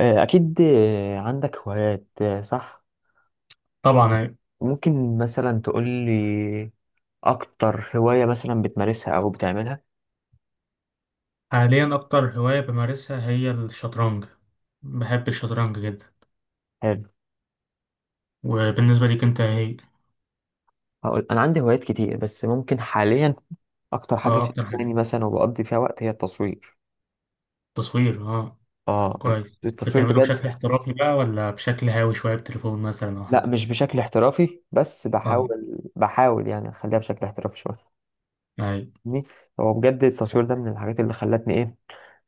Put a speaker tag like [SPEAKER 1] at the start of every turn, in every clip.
[SPEAKER 1] آه، أكيد آه، عندك هوايات صح؟
[SPEAKER 2] طبعا.
[SPEAKER 1] ممكن مثلا تقول لي أكتر هواية مثلا بتمارسها أو بتعملها؟
[SPEAKER 2] حاليا أكتر هواية بمارسها هي الشطرنج، بحب الشطرنج جدا.
[SPEAKER 1] حلو.
[SPEAKER 2] وبالنسبة ليك أنت إيه هي؟
[SPEAKER 1] هقول أنا عندي هوايات كتير، بس ممكن حاليا أكتر حاجة
[SPEAKER 2] اه أكتر حاجة.
[SPEAKER 1] شغلاني مثلا وبقضي فيها وقت هي التصوير.
[SPEAKER 2] تصوير اه،
[SPEAKER 1] آه،
[SPEAKER 2] كويس.
[SPEAKER 1] التصوير
[SPEAKER 2] بتعمله بشكل
[SPEAKER 1] بجد.
[SPEAKER 2] احترافي بقى ولا بشكل هاوي شوية بتليفون مثلا أو
[SPEAKER 1] لا،
[SPEAKER 2] حاجة؟
[SPEAKER 1] مش بشكل احترافي، بس
[SPEAKER 2] اه،
[SPEAKER 1] بحاول يعني أخليها بشكل احترافي شوية.
[SPEAKER 2] أي.
[SPEAKER 1] فاهمني؟ هو بجد التصوير ده من الحاجات اللي خلتني إيه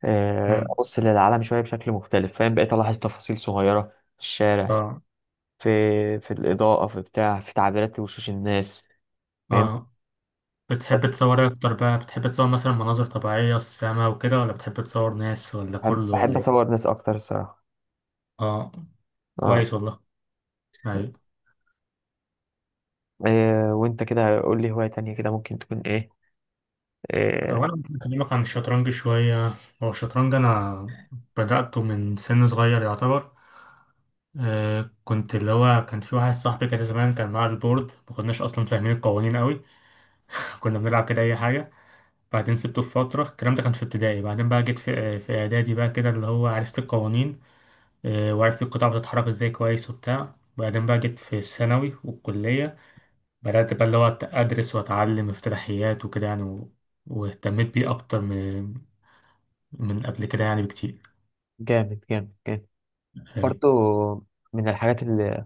[SPEAKER 1] آه،
[SPEAKER 2] مم.
[SPEAKER 1] أبص للعالم شوية بشكل مختلف. فاهم؟ بقيت ألاحظ تفاصيل صغيرة في الشارع،
[SPEAKER 2] اه
[SPEAKER 1] في في الإضاءة، في بتاع، في تعبيرات وشوش الناس. فاهم؟
[SPEAKER 2] اه، بتحب
[SPEAKER 1] بس
[SPEAKER 2] تصور إيه أكتر بقى؟ بتحب تصور مثلا مناظر طبيعية السما وكده، ولا بتحب تصور ناس، ولا
[SPEAKER 1] بحب
[SPEAKER 2] كله، ولا إيه؟
[SPEAKER 1] أصور ناس أكتر الصراحة.
[SPEAKER 2] اه،
[SPEAKER 1] اه.
[SPEAKER 2] كويس والله. أي.
[SPEAKER 1] إيه وأنت كده قول لي هواية تانية كده ممكن تكون إيه؟
[SPEAKER 2] وانا ممكن اكلمك عن الشطرنج شويه. هو الشطرنج انا بداته من سن صغير يعتبر. آه، كنت اللي هو كان في واحد صاحبي كده زمان كان معاه البورد، ما كناش اصلا فاهمين القوانين قوي، كنا بنلعب كده اي حاجه. بعدين سبته في فتره، الكلام ده كان في ابتدائي. بعدين بقى جيت في اعدادي بقى كده، اللي هو عرفت القوانين وعرفت القطع بتتحرك ازاي كويس وبتاع. وبعدين بقى جيت في الثانوي والكليه، بدات بقى اللي هو ادرس واتعلم افتتاحيات وكده يعني، و... واهتميت بيه اكتر من قبل كده يعني بكتير.
[SPEAKER 1] جامد جامد جامد.
[SPEAKER 2] آه،
[SPEAKER 1] برضو من الحاجات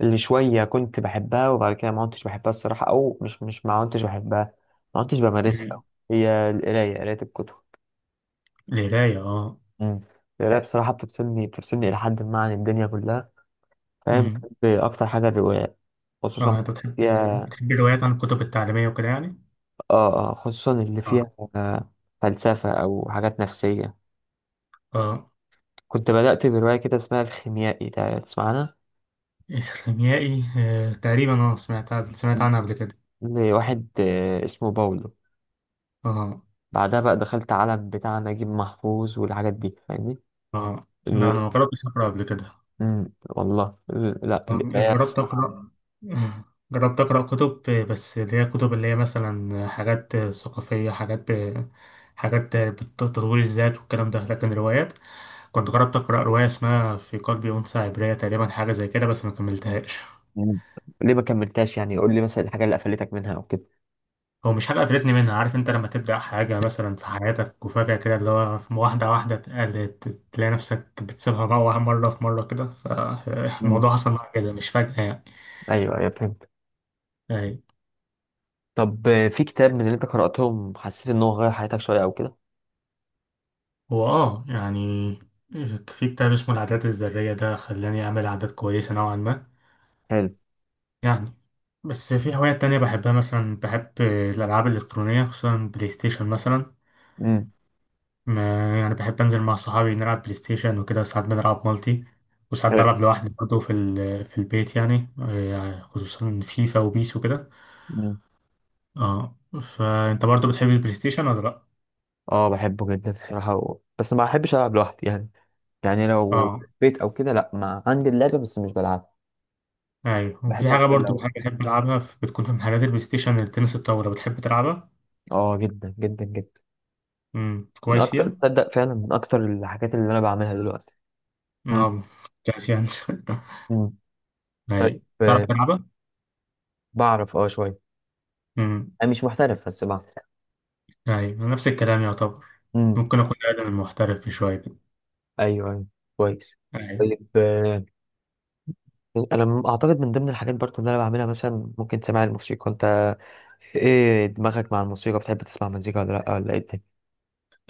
[SPEAKER 1] اللي شوية كنت بحبها وبعد كده ما كنتش بحبها الصراحة، أو مش ما كنتش بحبها، ما كنتش بمارسها أوي،
[SPEAKER 2] مم.
[SPEAKER 1] هي القراية، قراية الكتب.
[SPEAKER 2] القراية اه.
[SPEAKER 1] مم. القراية بصراحة بتفصلني إلى حد ما عن الدنيا كلها. فاهم؟
[SPEAKER 2] مم.
[SPEAKER 1] بحب أكتر حاجة الروايات، خصوصا
[SPEAKER 2] اه انت
[SPEAKER 1] فيها.
[SPEAKER 2] بتحب الروايات عن الكتب التعليمية وكده يعني؟
[SPEAKER 1] اه اه، خصوصا اللي
[SPEAKER 2] اه
[SPEAKER 1] فيها فلسفة أو حاجات نفسية.
[SPEAKER 2] اه.
[SPEAKER 1] كنت بدأت برواية كده اسمها الخيميائي، تسمع عنها؟
[SPEAKER 2] إسلاميائي آه. تقريبا اه، سمعت
[SPEAKER 1] مم.
[SPEAKER 2] عنها قبل كده.
[SPEAKER 1] لواحد اسمه باولو.
[SPEAKER 2] اه
[SPEAKER 1] بعدها بقى دخلت عالم بتاع نجيب محفوظ والحاجات دي، فاهمني؟
[SPEAKER 2] اه. لا
[SPEAKER 1] ال...
[SPEAKER 2] أنا ما جربتش أقرأ قبل كده.
[SPEAKER 1] مم، والله ال... لا، القراية
[SPEAKER 2] جربت
[SPEAKER 1] الصراحة.
[SPEAKER 2] أقرأ. آه، جربت أقرأ كتب بس اللي هي كتب اللي هي مثلا حاجات ثقافية، حاجات حاجات بتطور الذات والكلام ده، لكن روايات كنت جربت أقرأ رواية اسمها في قلبي أنثى عبرية تقريبا، حاجة زي كده، بس ما كملتهاش.
[SPEAKER 1] مم. ليه ما كملتهاش؟ يعني قول لي مثلا الحاجة اللي قفلتك منها أو كده.
[SPEAKER 2] هو مش حاجة قفلتني منها، عارف أنت لما تبدأ حاجة مثلا في حياتك وفجأة كده اللي هو تلاقي نفسك بتسيبها بقى، مرة في مرة كده،
[SPEAKER 1] مم.
[SPEAKER 2] فالموضوع حصل معايا كده مش فجأة يعني.
[SPEAKER 1] أيوه أيوه، فهمت.
[SPEAKER 2] أي.
[SPEAKER 1] طب في كتاب من اللي أنت قرأتهم حسيت إن هو غير حياتك شوية أو كده؟
[SPEAKER 2] هو آه يعني في كتاب اسمه العادات الذرية، ده خلاني أعمل عادات كويسة نوعا ما
[SPEAKER 1] حلو.
[SPEAKER 2] يعني. بس في هوايات تانية بحبها، مثلا بحب الألعاب الإلكترونية، خصوصا بلاي ستيشن مثلا.
[SPEAKER 1] مم.
[SPEAKER 2] ما يعني بحب أنزل مع صحابي نلعب بلاي ستيشن وكده، ساعات بنلعب مالتي وساعات بلعب لوحدي برضه في البيت يعني، خصوصا فيفا وبيس وكده.
[SPEAKER 1] حلو.
[SPEAKER 2] اه، فأنت برضه بتحب البلاي ستيشن ولا لأ؟
[SPEAKER 1] اه، بحبه جدا الصراحة، و... بس ما بحبش ألعب لوحدي يعني. يعني لو في
[SPEAKER 2] اه
[SPEAKER 1] البيت أو كده، لأ، ما عندي اللعبة بس مش بلعبها.
[SPEAKER 2] أيوه. وفي
[SPEAKER 1] بحب
[SPEAKER 2] حاجة
[SPEAKER 1] أكتر
[SPEAKER 2] برضه
[SPEAKER 1] لو
[SPEAKER 2] بحب، ألعبها بتكون في محلات البلاي ستيشن، التنس الطاولة، بتحب تلعبها؟
[SPEAKER 1] اه، جدا جدا جدا.
[SPEAKER 2] امم،
[SPEAKER 1] من
[SPEAKER 2] كويس
[SPEAKER 1] أكتر،
[SPEAKER 2] فيها؟
[SPEAKER 1] تصدق، فعلا من أكتر الحاجات اللي أنا بعملها دلوقتي. مم.
[SPEAKER 2] اه، كويس يعني.
[SPEAKER 1] مم. طيب
[SPEAKER 2] أيوه، تعرف تلعبها؟
[SPEAKER 1] بعرف اه شوية.
[SPEAKER 2] امم.
[SPEAKER 1] أنا مش محترف بس بعرف.
[SPEAKER 2] أيوه نفس الكلام يعتبر،
[SPEAKER 1] مم.
[SPEAKER 2] ممكن أكون أقدم من محترف في شوية كده.
[SPEAKER 1] أيوه أيوه، كويس.
[SPEAKER 2] أيوه.
[SPEAKER 1] طيب أنا أعتقد من ضمن الحاجات برضو اللي أنا بعملها مثلا، ممكن تسمع الموسيقى أنت؟ إيه دماغك مع الموسيقى؟ بتحب تسمع مزيكا ولا لأ، ولا إيه الدنيا؟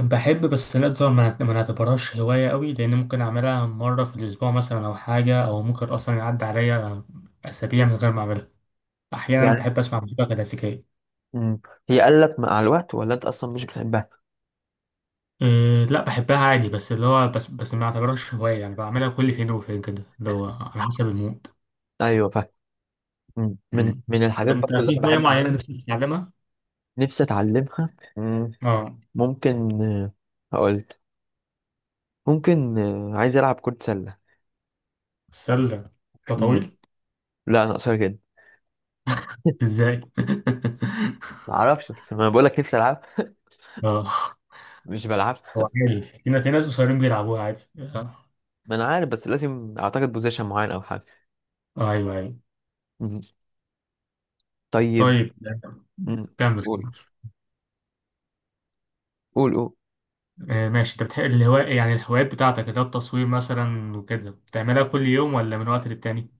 [SPEAKER 2] بحب، بس لا طبعا ما نعتبرهاش هواية قوي، لأن ممكن أعملها مرة في الأسبوع مثلا أو حاجة، أو ممكن أصلا يعدي عليا أسابيع من غير ما أعملها. أحيانا بحب أسمع موسيقى كلاسيكية.
[SPEAKER 1] مم. هي قلت مع الوقت ولا انت اصلا مش بتحبها؟
[SPEAKER 2] أه لا بحبها عادي، بس اللي هو بس ما أعتبرهاش هواية يعني، بعملها كل فين وفين كده اللي هو على حسب المود.
[SPEAKER 1] ايوه فاهم. مم. من
[SPEAKER 2] أمم.
[SPEAKER 1] من
[SPEAKER 2] طب
[SPEAKER 1] الحاجات
[SPEAKER 2] أنت
[SPEAKER 1] برضه اللي
[SPEAKER 2] في
[SPEAKER 1] انا
[SPEAKER 2] هواية
[SPEAKER 1] بحب
[SPEAKER 2] معينة
[SPEAKER 1] اعملها.
[SPEAKER 2] نفسك تتعلمها؟
[SPEAKER 1] نفسي اتعلمها. مم.
[SPEAKER 2] أه.
[SPEAKER 1] ممكن هقولك. ممكن عايز العب كرة سلة.
[SPEAKER 2] سلة؟ ده
[SPEAKER 1] مم.
[SPEAKER 2] طويل.
[SPEAKER 1] لا، انا قصير جدا.
[SPEAKER 2] إزاي؟
[SPEAKER 1] ما اعرفش، بس ما بقول لك نفسي العب؟
[SPEAKER 2] أه،
[SPEAKER 1] مش بلعبش.
[SPEAKER 2] هو عادي في في ناس قصيرين بيلعبوها عادي أه.
[SPEAKER 1] ما انا عارف، بس لازم اعتقد بوزيشن معين او حاجه.
[SPEAKER 2] أيوه أيوه.
[SPEAKER 1] مم. طيب.
[SPEAKER 2] طيب.
[SPEAKER 1] مم.
[SPEAKER 2] كمل
[SPEAKER 1] قول.
[SPEAKER 2] كمل.
[SPEAKER 1] قول قول.
[SPEAKER 2] آه، ماشي. انت بتحب الهواء يعني الهوايات بتاعتك اللي هو التصوير مثلا وكده، بتعملها كل يوم ولا من وقت للتاني؟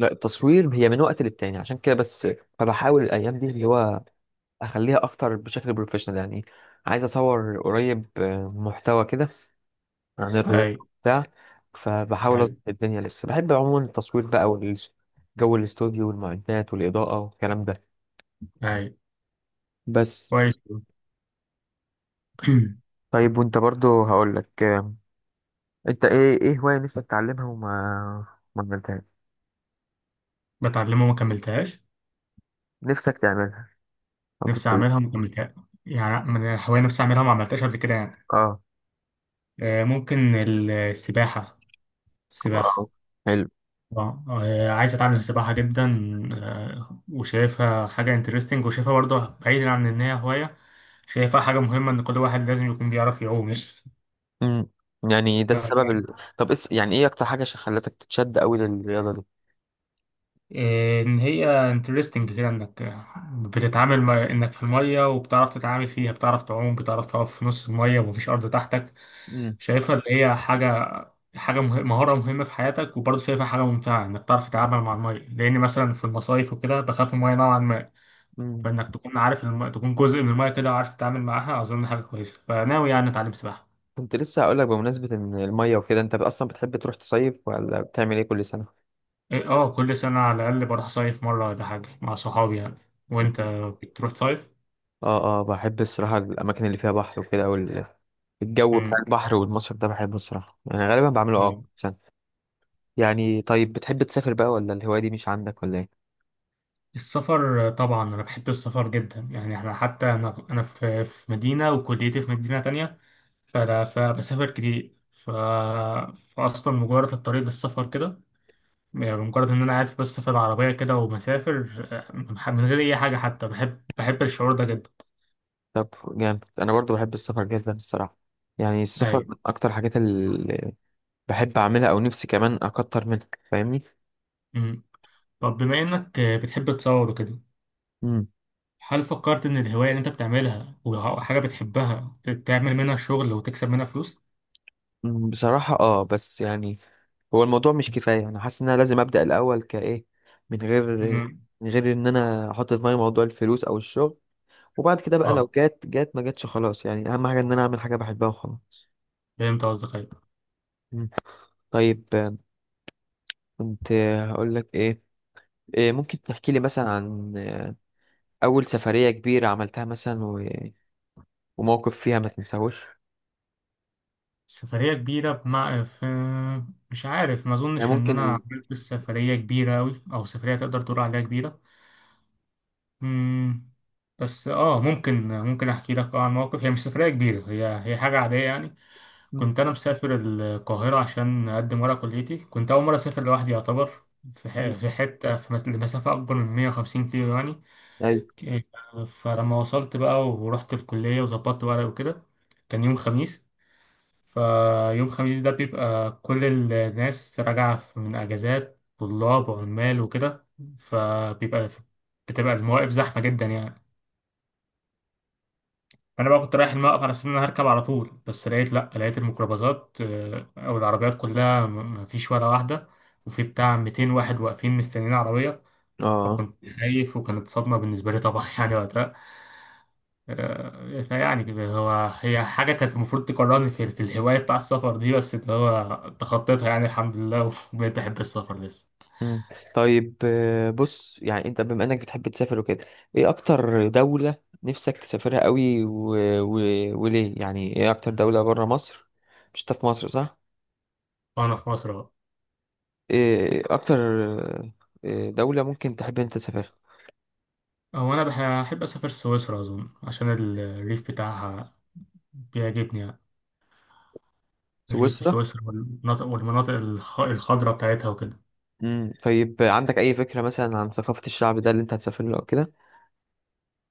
[SPEAKER 1] لا، التصوير هي من وقت للتاني عشان كده بس. فبحاول الايام دي اللي هو اخليها اكتر بشكل بروفيشنال يعني. عايز اصور قريب محتوى كده عن الرياضه،
[SPEAKER 2] اي
[SPEAKER 1] بتاع. فبحاول
[SPEAKER 2] اي
[SPEAKER 1] اظبط الدنيا. لسه بحب عموما التصوير بقى، والجو الاستوديو والمعدات والاضاءه والكلام ده،
[SPEAKER 2] اي.
[SPEAKER 1] بس.
[SPEAKER 2] كويس.
[SPEAKER 1] طيب وانت برضو هقولك انت ايه هوايه نفسك تتعلمها وما ما عملتهاش؟
[SPEAKER 2] بتعلمها وما كملتهاش؟
[SPEAKER 1] نفسك تعملها او
[SPEAKER 2] نفسي
[SPEAKER 1] تتعلم؟
[SPEAKER 2] اعملها وما كملتهاش، يعني من الهواية نفسي اعملها وما عملتهاش قبل كده يعني.
[SPEAKER 1] اه.
[SPEAKER 2] ممكن السباحة.
[SPEAKER 1] آه.
[SPEAKER 2] السباحة.
[SPEAKER 1] حلو.
[SPEAKER 2] اه عايز اتعلم سباحة جدا. وشايفها حاجة انترستنج، وشايفها برضه بعيدا عن ان هي هواية، شايفها حاجة مهمة ان كل واحد لازم يكون بيعرف يعوم.
[SPEAKER 1] امم، يعني ده السبب يعني ايه اكتر حاجه عشان خلتك تتشد قوي للرياضه دي؟
[SPEAKER 2] ان هي انترستنج كده، انك بتتعامل مع انك في الميه، وبتعرف تتعامل فيها، بتعرف تعوم، بتعرف تقف في نص الميه ومفيش ارض تحتك. شايفها اللي هي حاجه، مهاره مهمه في حياتك، وبرضه شايفها حاجه ممتعه انك تعرف تتعامل مع الميه، لان مثلا في المصايف وكده بخاف من الميه نوعا ما.
[SPEAKER 1] امم.
[SPEAKER 2] فانك تكون عارف تكون جزء من الميه كده وعارف تتعامل معاها، اظن حاجه كويسه، فناوي يعني اتعلم سباحه.
[SPEAKER 1] كنت لسه هقول لك، بمناسبة ان المية وكده، انت اصلا بتحب تروح تصيف ولا بتعمل ايه كل سنة؟
[SPEAKER 2] إيه، اه كل سنه على الاقل بروح صيف مره ولا حاجه مع صحابي يعني.
[SPEAKER 1] مم.
[SPEAKER 2] وانت بتروح تصيف؟
[SPEAKER 1] اه اه، بحب الصراحة الاماكن اللي فيها بحر وكده، الجو بتاع البحر والمصيف ده بحبه الصراحة يعني، غالبا بعمله اه
[SPEAKER 2] مم.
[SPEAKER 1] عشان. يعني طيب بتحب تسافر بقى، ولا الهواية دي مش عندك ولا ايه؟
[SPEAKER 2] السفر طبعا انا بحب السفر جدا يعني، احنا حتى انا في مدينه وكليتي في مدينه تانية، فبسافر كتير، ف... فاصلا مجرد الطريق للسفر كده يعني، مجرد ان انا قاعد بس في العربيه كده ومسافر، من غير اي حاجه، حتى بحب، الشعور ده جدا.
[SPEAKER 1] طب جامد، انا برضو بحب السفر جدا الصراحة. يعني السفر
[SPEAKER 2] اي.
[SPEAKER 1] من اكتر حاجات اللي بحب اعملها او نفسي كمان اكتر منها. فاهمني؟
[SPEAKER 2] أمم. طب بما انك بتحب تصور وكده، هل فكرت ان الهوايه اللي انت بتعملها وحاجه بتحبها تعمل منها شغل وتكسب منها فلوس؟
[SPEAKER 1] مم، بصراحة اه بس يعني، هو الموضوع مش كفاية. انا حاسس ان انا لازم ابدأ الاول كايه، من غير
[SPEAKER 2] أمم.
[SPEAKER 1] من غير ان انا احط في دماغي موضوع الفلوس او الشغل، وبعد كده بقى لو
[SPEAKER 2] اه
[SPEAKER 1] جات ما جاتش خلاص، يعني اهم حاجة ان انا اعمل حاجة بحبها وخلاص.
[SPEAKER 2] فهمت قصدك أيوة.
[SPEAKER 1] مم. طيب كنت هقول لك ايه، إيه، ممكن تحكي لي مثلا عن اول سفرية كبيرة عملتها مثلا و... وموقف فيها ما تنساهوش.
[SPEAKER 2] سفرية كبيرة بمع... في مش عارف، ما
[SPEAKER 1] يعني
[SPEAKER 2] أظنش إن
[SPEAKER 1] ممكن
[SPEAKER 2] أنا
[SPEAKER 1] ال...
[SPEAKER 2] عملت سفرية كبيرة أوي، أو سفرية تقدر تقول عليها كبيرة. مم. بس آه ممكن، أحكي لك عن موقف، هي مش سفرية كبيرة، هي هي حاجة عادية يعني.
[SPEAKER 1] مم،
[SPEAKER 2] كنت أنا مسافر القاهرة عشان أقدم ورق كليتي، كنت أول مرة أسافر لوحدي يعتبر في ح-
[SPEAKER 1] مم،
[SPEAKER 2] في حتة في مس- لمسافة أكبر من 150 كيلو يعني.
[SPEAKER 1] ايوه.
[SPEAKER 2] إيه، فلما وصلت بقى ورحت الكلية وظبطت ورق وكده، كان يوم خميس. فيوم خميس ده بيبقى كل الناس من أجازات طلاب وعمال وكده، فبيبقى بتبقى المواقف زحمة جدا يعني. أنا بقى كنت رايح الموقف على أساس إن أنا هركب على طول، بس لقيت لأ، لقيت الميكروباصات أو العربيات كلها مفيش ولا واحدة، وفي بتاع 200 واحد واقفين مستنيين عربية.
[SPEAKER 1] اه.
[SPEAKER 2] فكنت خايف وكانت صدمة بالنسبة لي طبعا، يعني وقتها، فيعني كده هو هي حاجة كانت المفروض تقررني في الهواية بتاع السفر دي، بس اللي هو تخطيتها يعني الحمد لله وبقيت أحب السفر لسه.
[SPEAKER 1] مم. طيب بص يعني، انت بما انك بتحب تسافر وكده، ايه اكتر دولة نفسك تسافرها قوي و... و... وليه؟ يعني ايه اكتر دولة بره مصر؟ مش انت في مصر، صح؟
[SPEAKER 2] وأنا في مصر بقى،
[SPEAKER 1] ايه اكتر دولة ممكن تحب انت تسافرها؟
[SPEAKER 2] هو أنا بحب أسافر سويسرا أظن عشان الريف بتاعها بيعجبني يعني. الريف في
[SPEAKER 1] سويسرا.
[SPEAKER 2] سويسرا، والمناطق الخضراء بتاعتها وكده.
[SPEAKER 1] مم. طيب عندك اي فكرة مثلا عن ثقافة الشعب ده اللي انت هتسافر له او كده؟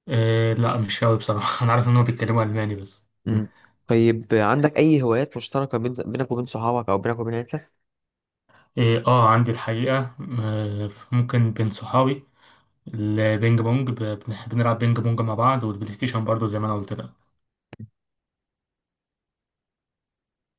[SPEAKER 2] إيه لا مش أوي بصراحة، أنا عارف إنهم بيتكلموا ألماني بس.
[SPEAKER 1] مم. طيب عندك اي هوايات مشتركة بين... بينك وبين صحابك او بينك وبين عيلتك؟
[SPEAKER 2] إيه آه عندي الحقيقة، ممكن بين صحابي البينج بونج، بنلعب بينج بونج مع بعض، والبلاي ستيشن برضه زي ما انا قلت لك.